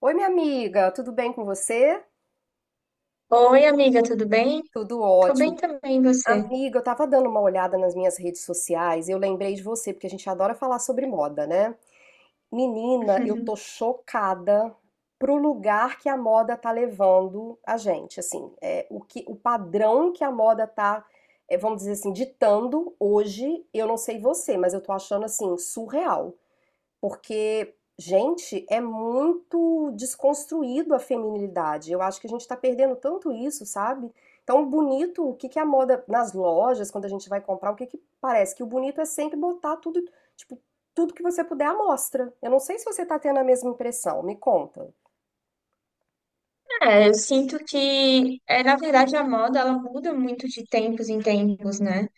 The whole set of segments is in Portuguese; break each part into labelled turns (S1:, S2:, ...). S1: Oi, minha amiga, tudo bem com você?
S2: Oi, amiga, tudo bem?
S1: Tudo
S2: Tô bem
S1: ótimo.
S2: também, e você?
S1: Amiga, eu tava dando uma olhada nas minhas redes sociais e eu lembrei de você, porque a gente adora falar sobre moda, né? Menina, eu tô chocada pro lugar que a moda tá levando a gente, assim, o que, o padrão que a moda tá, vamos dizer assim, ditando hoje, eu não sei você, mas eu tô achando, assim, surreal. Porque, gente, é muito desconstruído a feminilidade. Eu acho que a gente tá perdendo tanto isso, sabe? Então, bonito, o que que é a moda nas lojas, quando a gente vai comprar, o que que parece que o bonito é sempre botar tudo, tipo, tudo que você puder à mostra. Eu não sei se você tá tendo a mesma impressão, me conta.
S2: É, eu sinto que, é, na verdade, a moda ela muda muito de tempos em tempos, né?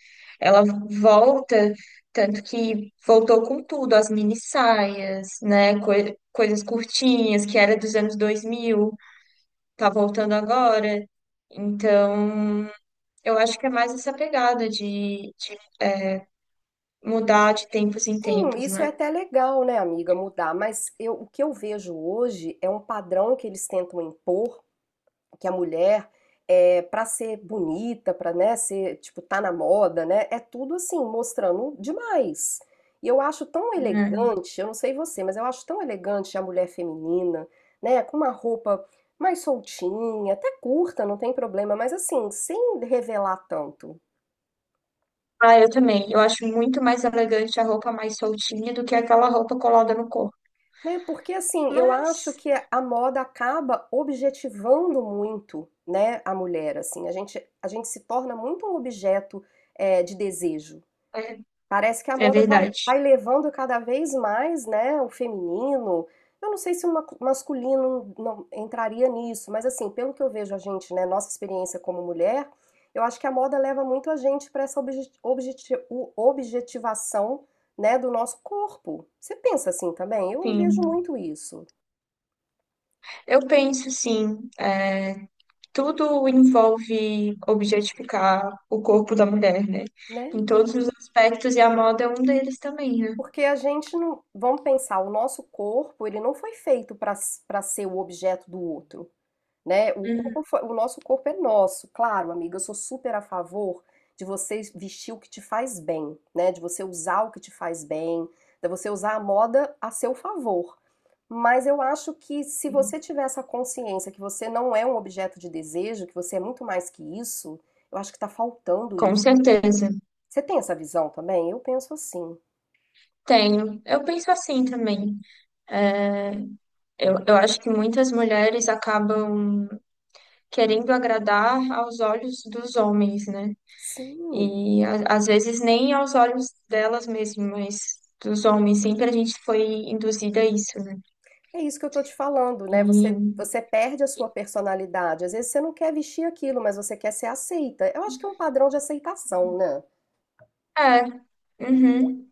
S2: Ela volta, tanto que voltou com tudo, as mini saias, né? Coisas curtinhas, que era dos anos 2000 tá voltando agora. Então, eu acho que é mais essa pegada de mudar de tempos em
S1: Sim,
S2: tempos,
S1: isso
S2: né?
S1: é até legal, né, amiga, mudar, mas eu, o que eu vejo hoje é um padrão que eles tentam impor que a mulher para ser bonita, para né, ser tipo tá na moda, né? É tudo assim mostrando demais. E eu acho tão elegante, eu não sei você, mas eu acho tão elegante a mulher feminina, né? Com uma roupa mais soltinha, até curta, não tem problema, mas assim sem revelar tanto,
S2: Ah, eu também. Eu acho muito mais elegante a roupa mais soltinha do que aquela roupa colada no corpo.
S1: né? Porque assim eu acho
S2: Mas
S1: que a moda acaba objetivando muito, né? A mulher assim, a gente se torna muito um objeto de desejo.
S2: é,
S1: Parece que a
S2: é
S1: moda vai, verdade,
S2: verdade.
S1: vai levando cada vez mais, né, o feminino. Eu não sei se o masculino não entraria nisso, mas assim, pelo que eu vejo a gente, né, nossa experiência como mulher, eu acho que a moda leva muito a gente para essa objetivação, né, do nosso corpo. Você pensa assim também? Eu vejo
S2: Sim.
S1: muito isso,
S2: Eu penso, sim, é, tudo envolve objetificar o corpo da mulher, né?
S1: né?
S2: Em todos os aspectos, e a moda é um deles também, né?
S1: Porque a gente não, vamos pensar, o nosso corpo, ele não foi feito para ser o objeto do outro, né?
S2: Uhum.
S1: O nosso corpo é nosso, claro, amiga. Eu sou super a favor de você vestir o que te faz bem, né? De você usar o que te faz bem, de você usar a moda a seu favor. Mas eu acho que se
S2: Sim.
S1: você tiver essa consciência que você não é um objeto de desejo, que você é muito mais que isso, eu acho que tá faltando
S2: Com
S1: isso.
S2: certeza.
S1: Você tem essa visão também? Eu penso assim.
S2: Tenho. Eu penso assim também. Eu acho que muitas mulheres acabam querendo agradar aos olhos dos homens, né?
S1: Sim.
S2: E às vezes nem aos olhos delas mesmo, mas dos homens. Sempre a gente foi induzida a isso, né?
S1: É isso que eu tô te falando, né?
S2: E
S1: Você perde a sua personalidade. Às vezes você não quer vestir aquilo, mas você quer ser aceita. Eu acho que é um padrão de aceitação, né?
S2: é, uhum.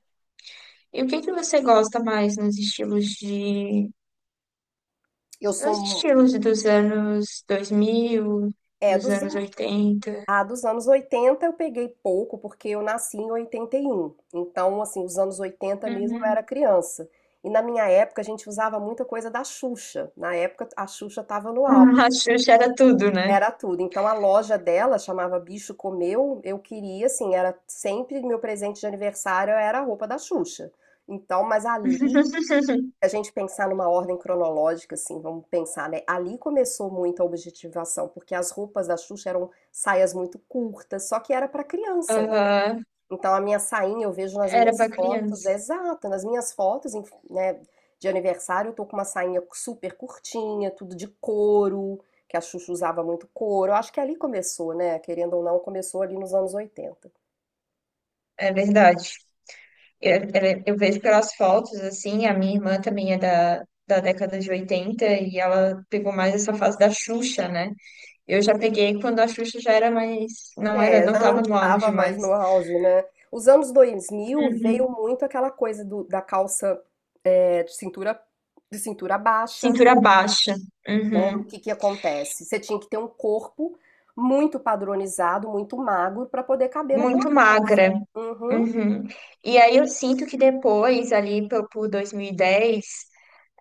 S2: E o que que você gosta mais
S1: Eu sou,
S2: nos
S1: mu-
S2: estilos dos anos 2000,
S1: é,
S2: dos
S1: dos,
S2: anos
S1: an-
S2: oitenta?
S1: ah, dos anos 80 eu peguei pouco, porque eu nasci em 81. Então, assim, os anos 80 mesmo eu
S2: Uhum.
S1: era criança. E na minha época a gente usava muita coisa da Xuxa. Na época a Xuxa tava no auge.
S2: A Xuxa era tudo, né?
S1: Era tudo. Então a loja dela chamava Bicho Comeu. Eu queria, assim, era sempre meu presente de aniversário era a roupa da Xuxa. Então, mas ali, a gente pensar numa ordem cronológica, assim, vamos pensar, né? Ali começou muito a objetivação, porque as roupas da Xuxa eram saias muito curtas, só que era para criança,
S2: Aham,
S1: então a minha sainha eu vejo nas
S2: era pra
S1: minhas fotos, é
S2: criança.
S1: exato, nas minhas fotos, né, de aniversário eu tô com uma sainha super curtinha, tudo de couro, que a Xuxa usava muito couro. Eu acho que ali começou, né? Querendo ou não, começou ali nos anos 80.
S2: É verdade. Eu vejo pelas fotos, assim, a minha irmã também é da década de 80 e ela pegou mais essa fase da Xuxa, né? Eu já peguei quando a Xuxa já era mais,
S1: É,
S2: não
S1: já não
S2: tava no auge
S1: estava mais
S2: mais.
S1: no auge, né? Os anos 2000
S2: Uhum.
S1: veio muito aquela coisa da calça de cintura baixa,
S2: Cintura baixa,
S1: né,
S2: uhum.
S1: o que que acontece? Você tinha que ter um corpo muito padronizado, muito magro para poder caber naquela
S2: Muito
S1: calça.
S2: magra,
S1: Uhum.
S2: uhum. E aí eu sinto que depois, ali por 2010,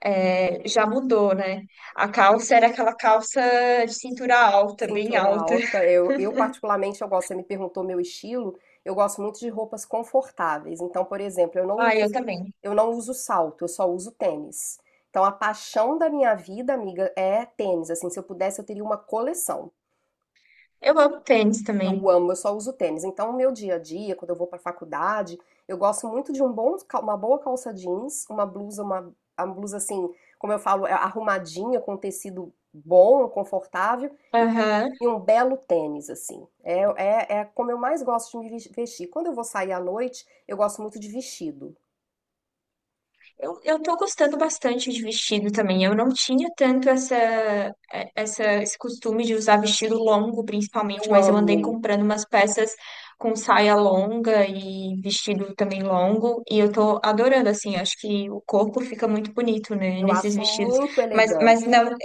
S2: é, já mudou, né? A calça era aquela calça de cintura alta, bem
S1: Cintura
S2: alta.
S1: alta. Eu particularmente eu gosto, você me perguntou meu estilo, eu gosto muito de roupas confortáveis. Então, por exemplo,
S2: Ah, eu também.
S1: eu não uso salto, eu só uso tênis. Então, a paixão da minha vida, amiga, é tênis. Assim, se eu pudesse, eu teria uma coleção.
S2: Eu amo tênis também.
S1: Eu amo, eu só uso tênis. Então, o meu dia a dia, quando eu vou para faculdade, eu gosto muito de um bom, uma boa calça jeans, uma blusa, a blusa assim, como eu falo, é arrumadinha, com um tecido bom, confortável, e,
S2: Aham.
S1: e um belo tênis, assim. É como eu mais gosto de vestir. Quando eu vou sair à noite, eu gosto muito de vestido.
S2: Eu tô gostando bastante de vestido também. Eu não tinha tanto esse costume de usar vestido longo, principalmente,
S1: Eu
S2: mas eu andei
S1: amo,
S2: comprando umas peças com saia longa e vestido também longo, e eu tô adorando, assim, acho que o corpo fica muito bonito, né,
S1: eu
S2: nesses
S1: acho
S2: vestidos.
S1: muito
S2: Mas
S1: elegante.
S2: não,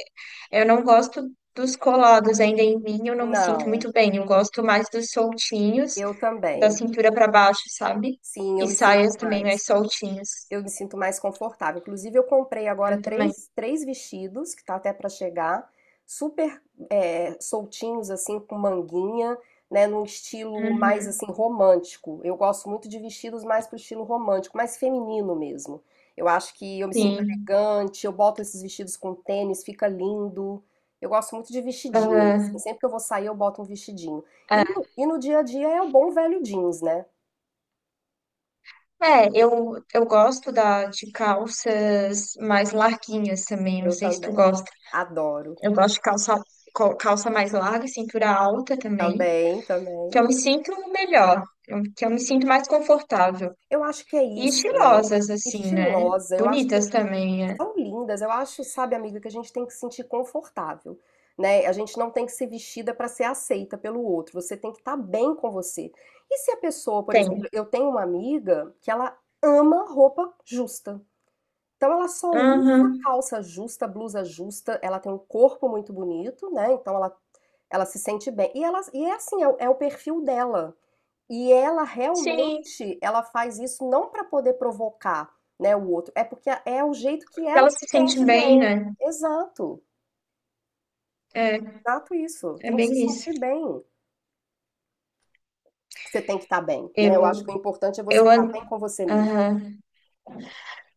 S2: eu não gosto dos colados ainda em mim, eu não me sinto
S1: Não,
S2: muito bem. Eu gosto mais dos soltinhos,
S1: eu
S2: da
S1: também.
S2: cintura para baixo, sabe?
S1: Sim, eu
S2: E
S1: me sinto
S2: saias também
S1: mais.
S2: mais soltinhas.
S1: Eu me sinto mais confortável. Inclusive, eu comprei agora
S2: Eu também.
S1: três vestidos, que tá até para chegar, super soltinhos, assim, com manguinha, né, num estilo mais,
S2: Uhum,
S1: assim, romântico. Eu gosto muito de vestidos mais pro estilo romântico, mais feminino mesmo. Eu acho que eu me sinto
S2: sim.
S1: elegante, eu boto esses vestidos com tênis, fica lindo. Eu gosto muito de vestidinho, assim,
S2: Aham.
S1: sempre que eu vou sair eu boto um vestidinho. E no dia a dia é o bom velho jeans, né?
S2: É, eu gosto de calças mais larguinhas também. Não
S1: Eu
S2: sei se tu
S1: também
S2: gosta.
S1: adoro.
S2: Eu gosto de calça, calça mais larga, cintura alta também.
S1: Também,
S2: Que
S1: também.
S2: eu me sinto melhor. Que eu me sinto mais confortável.
S1: Eu acho que é
S2: E
S1: isso,
S2: estilosas, assim, né?
S1: estilosa, eu acho que
S2: Bonitas também, é.
S1: são lindas, eu acho, sabe, amiga, que a gente tem que se sentir confortável, né? A gente não tem que ser vestida para ser aceita pelo outro, você tem que estar bem com você. E se a pessoa, por exemplo,
S2: Tem.
S1: eu tenho uma amiga que ela ama roupa justa. Então ela só usa
S2: Aham.
S1: calça justa, blusa justa, ela tem um corpo muito bonito, né? Então ela se sente bem. E é assim, é o perfil dela. E ela
S2: Sim.
S1: realmente, ela faz isso não para poder provocar, né, o outro, é porque é o jeito que ela
S2: Elas se
S1: se
S2: sentem
S1: sente
S2: bem,
S1: bem.
S2: né?
S1: Exato,
S2: É,
S1: exato isso.
S2: é
S1: Tem que se
S2: bem isso.
S1: sentir bem. Você tem que estar bem, né? Eu acho
S2: Eu,
S1: que o importante é você
S2: eu,
S1: estar
S2: an-
S1: bem com você mesmo.
S2: aham.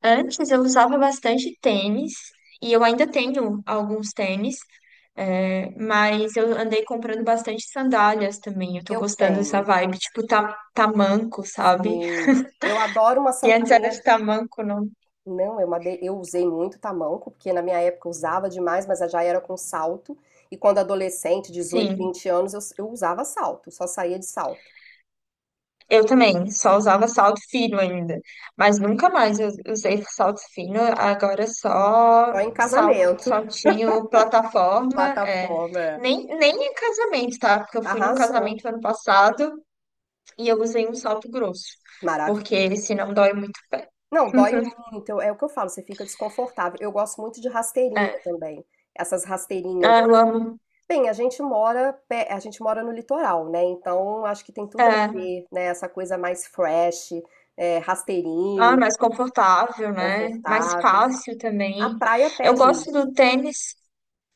S2: Antes eu usava bastante tênis e eu ainda tenho alguns tênis, é, mas eu andei comprando bastante sandálias também. Eu tô
S1: Eu
S2: gostando dessa
S1: tenho,
S2: vibe, tipo ta tamanco, sabe?
S1: sim. Eu adoro uma
S2: Que antes era
S1: sandalinha.
S2: de tamanco, não.
S1: Não, eu usei muito tamanco, porque na minha época eu usava demais, mas já era com salto. E quando adolescente, 18,
S2: Sim,
S1: 20 anos, eu usava salto, só saía de salto.
S2: eu também, só usava salto fino ainda, mas nunca mais eu usei salto fino, agora é só
S1: Só em casamento.
S2: saltinho plataforma, é.
S1: Plataforma, é.
S2: Nem em casamento, tá? Porque eu fui num casamento
S1: Arrasou.
S2: ano passado. E eu usei um salto grosso,
S1: Maravilha.
S2: porque senão dói muito o pé.
S1: Não, dói muito. É o que eu falo, você fica desconfortável. Eu gosto muito de rasteirinha
S2: É.
S1: também. Essas rasteirinhas.
S2: Ah, eu amo.
S1: Bem, a gente mora, a gente mora no litoral, né? Então acho que tem tudo a
S2: É.
S1: ver, né? Essa coisa mais fresh,
S2: Ah,
S1: rasteirinha,
S2: mais confortável, né? Mais
S1: confortável.
S2: fácil
S1: A
S2: também.
S1: praia
S2: Eu
S1: pede
S2: gosto
S1: isso.
S2: do tênis.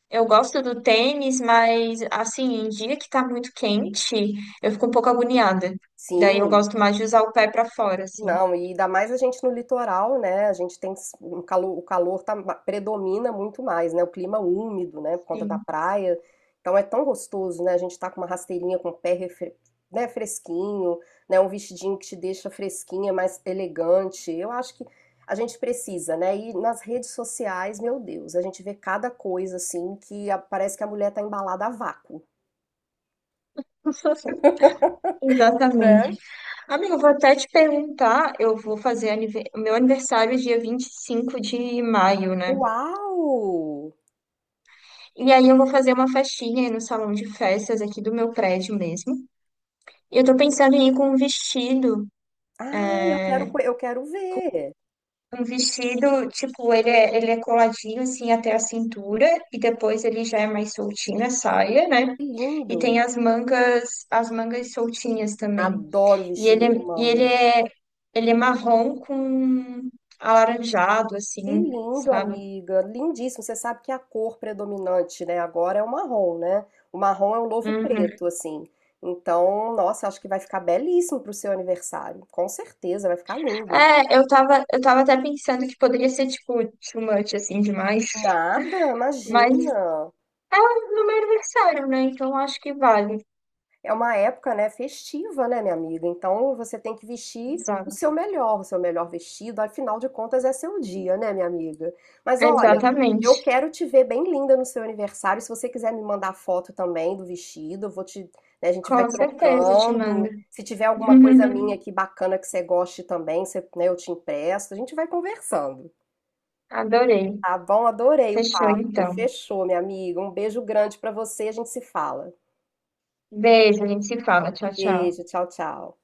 S2: Eu gosto do tênis, mas assim, em dia que tá muito quente, eu fico um pouco agoniada. Daí eu
S1: Sim.
S2: gosto mais de usar o pé pra fora, assim.
S1: Não, e ainda mais a gente no litoral, né? A gente tem um calor, o calor tá, predomina muito mais, né? O clima úmido, né? Por conta da
S2: Sim.
S1: praia. Então é tão gostoso, né? A gente tá com uma rasteirinha com o pé né, fresquinho, né? Um vestidinho que te deixa fresquinha, mais elegante. Eu acho que a gente precisa, né? E nas redes sociais, meu Deus, a gente vê cada coisa assim que parece que a mulher tá embalada a vácuo.
S2: Exatamente.
S1: É.
S2: Amigo, eu vou até te perguntar, eu vou o meu aniversário é dia 25 de maio, né?
S1: Uau!
S2: E aí eu vou fazer uma festinha aí no salão de festas aqui do meu prédio mesmo. E eu tô pensando em ir com um vestido.
S1: Ah, eu quero, eu quero ver.
S2: Um vestido, tipo, ele é coladinho assim até a cintura e depois ele já é mais soltinho a saia, né?
S1: Que
S2: E tem
S1: lindo!
S2: as mangas soltinhas também.
S1: Adoro
S2: E
S1: vestido
S2: ele,
S1: com
S2: é- e ele
S1: manga.
S2: é, ele é marrom com alaranjado
S1: Que
S2: assim.
S1: lindo,
S2: Sabe?
S1: amiga. Lindíssimo. Você sabe que a cor predominante, né, agora é o marrom, né? O marrom é o novo
S2: Uhum.
S1: preto, assim. Então, nossa, acho que vai ficar belíssimo pro seu aniversário. Com certeza, vai ficar lindo.
S2: É, eu tava até pensando que poderia ser, tipo, too much, assim, demais.
S1: Nada,
S2: Mas
S1: imagina.
S2: é no meu aniversário, né? Então acho que vale.
S1: É uma época, né, festiva, né, minha amiga? Então você tem que vestir
S2: Exato.
S1: o seu melhor vestido, afinal de contas é seu dia, né, minha amiga? Mas olha,
S2: Exatamente.
S1: eu quero te ver bem linda no seu aniversário. Se você quiser me mandar foto também do vestido, eu vou te, né, a gente
S2: Com
S1: vai
S2: certeza te mando.
S1: trocando. Se tiver alguma coisa minha aqui bacana que você goste também, você, né, eu te empresto. A gente vai conversando.
S2: Adorei.
S1: Tá bom? Adorei o
S2: Fechou
S1: papo.
S2: então.
S1: Fechou, minha amiga. Um beijo grande pra você. A gente se fala.
S2: Beijo, a gente se fala. Tchau, tchau.
S1: Beijo, tchau, tchau.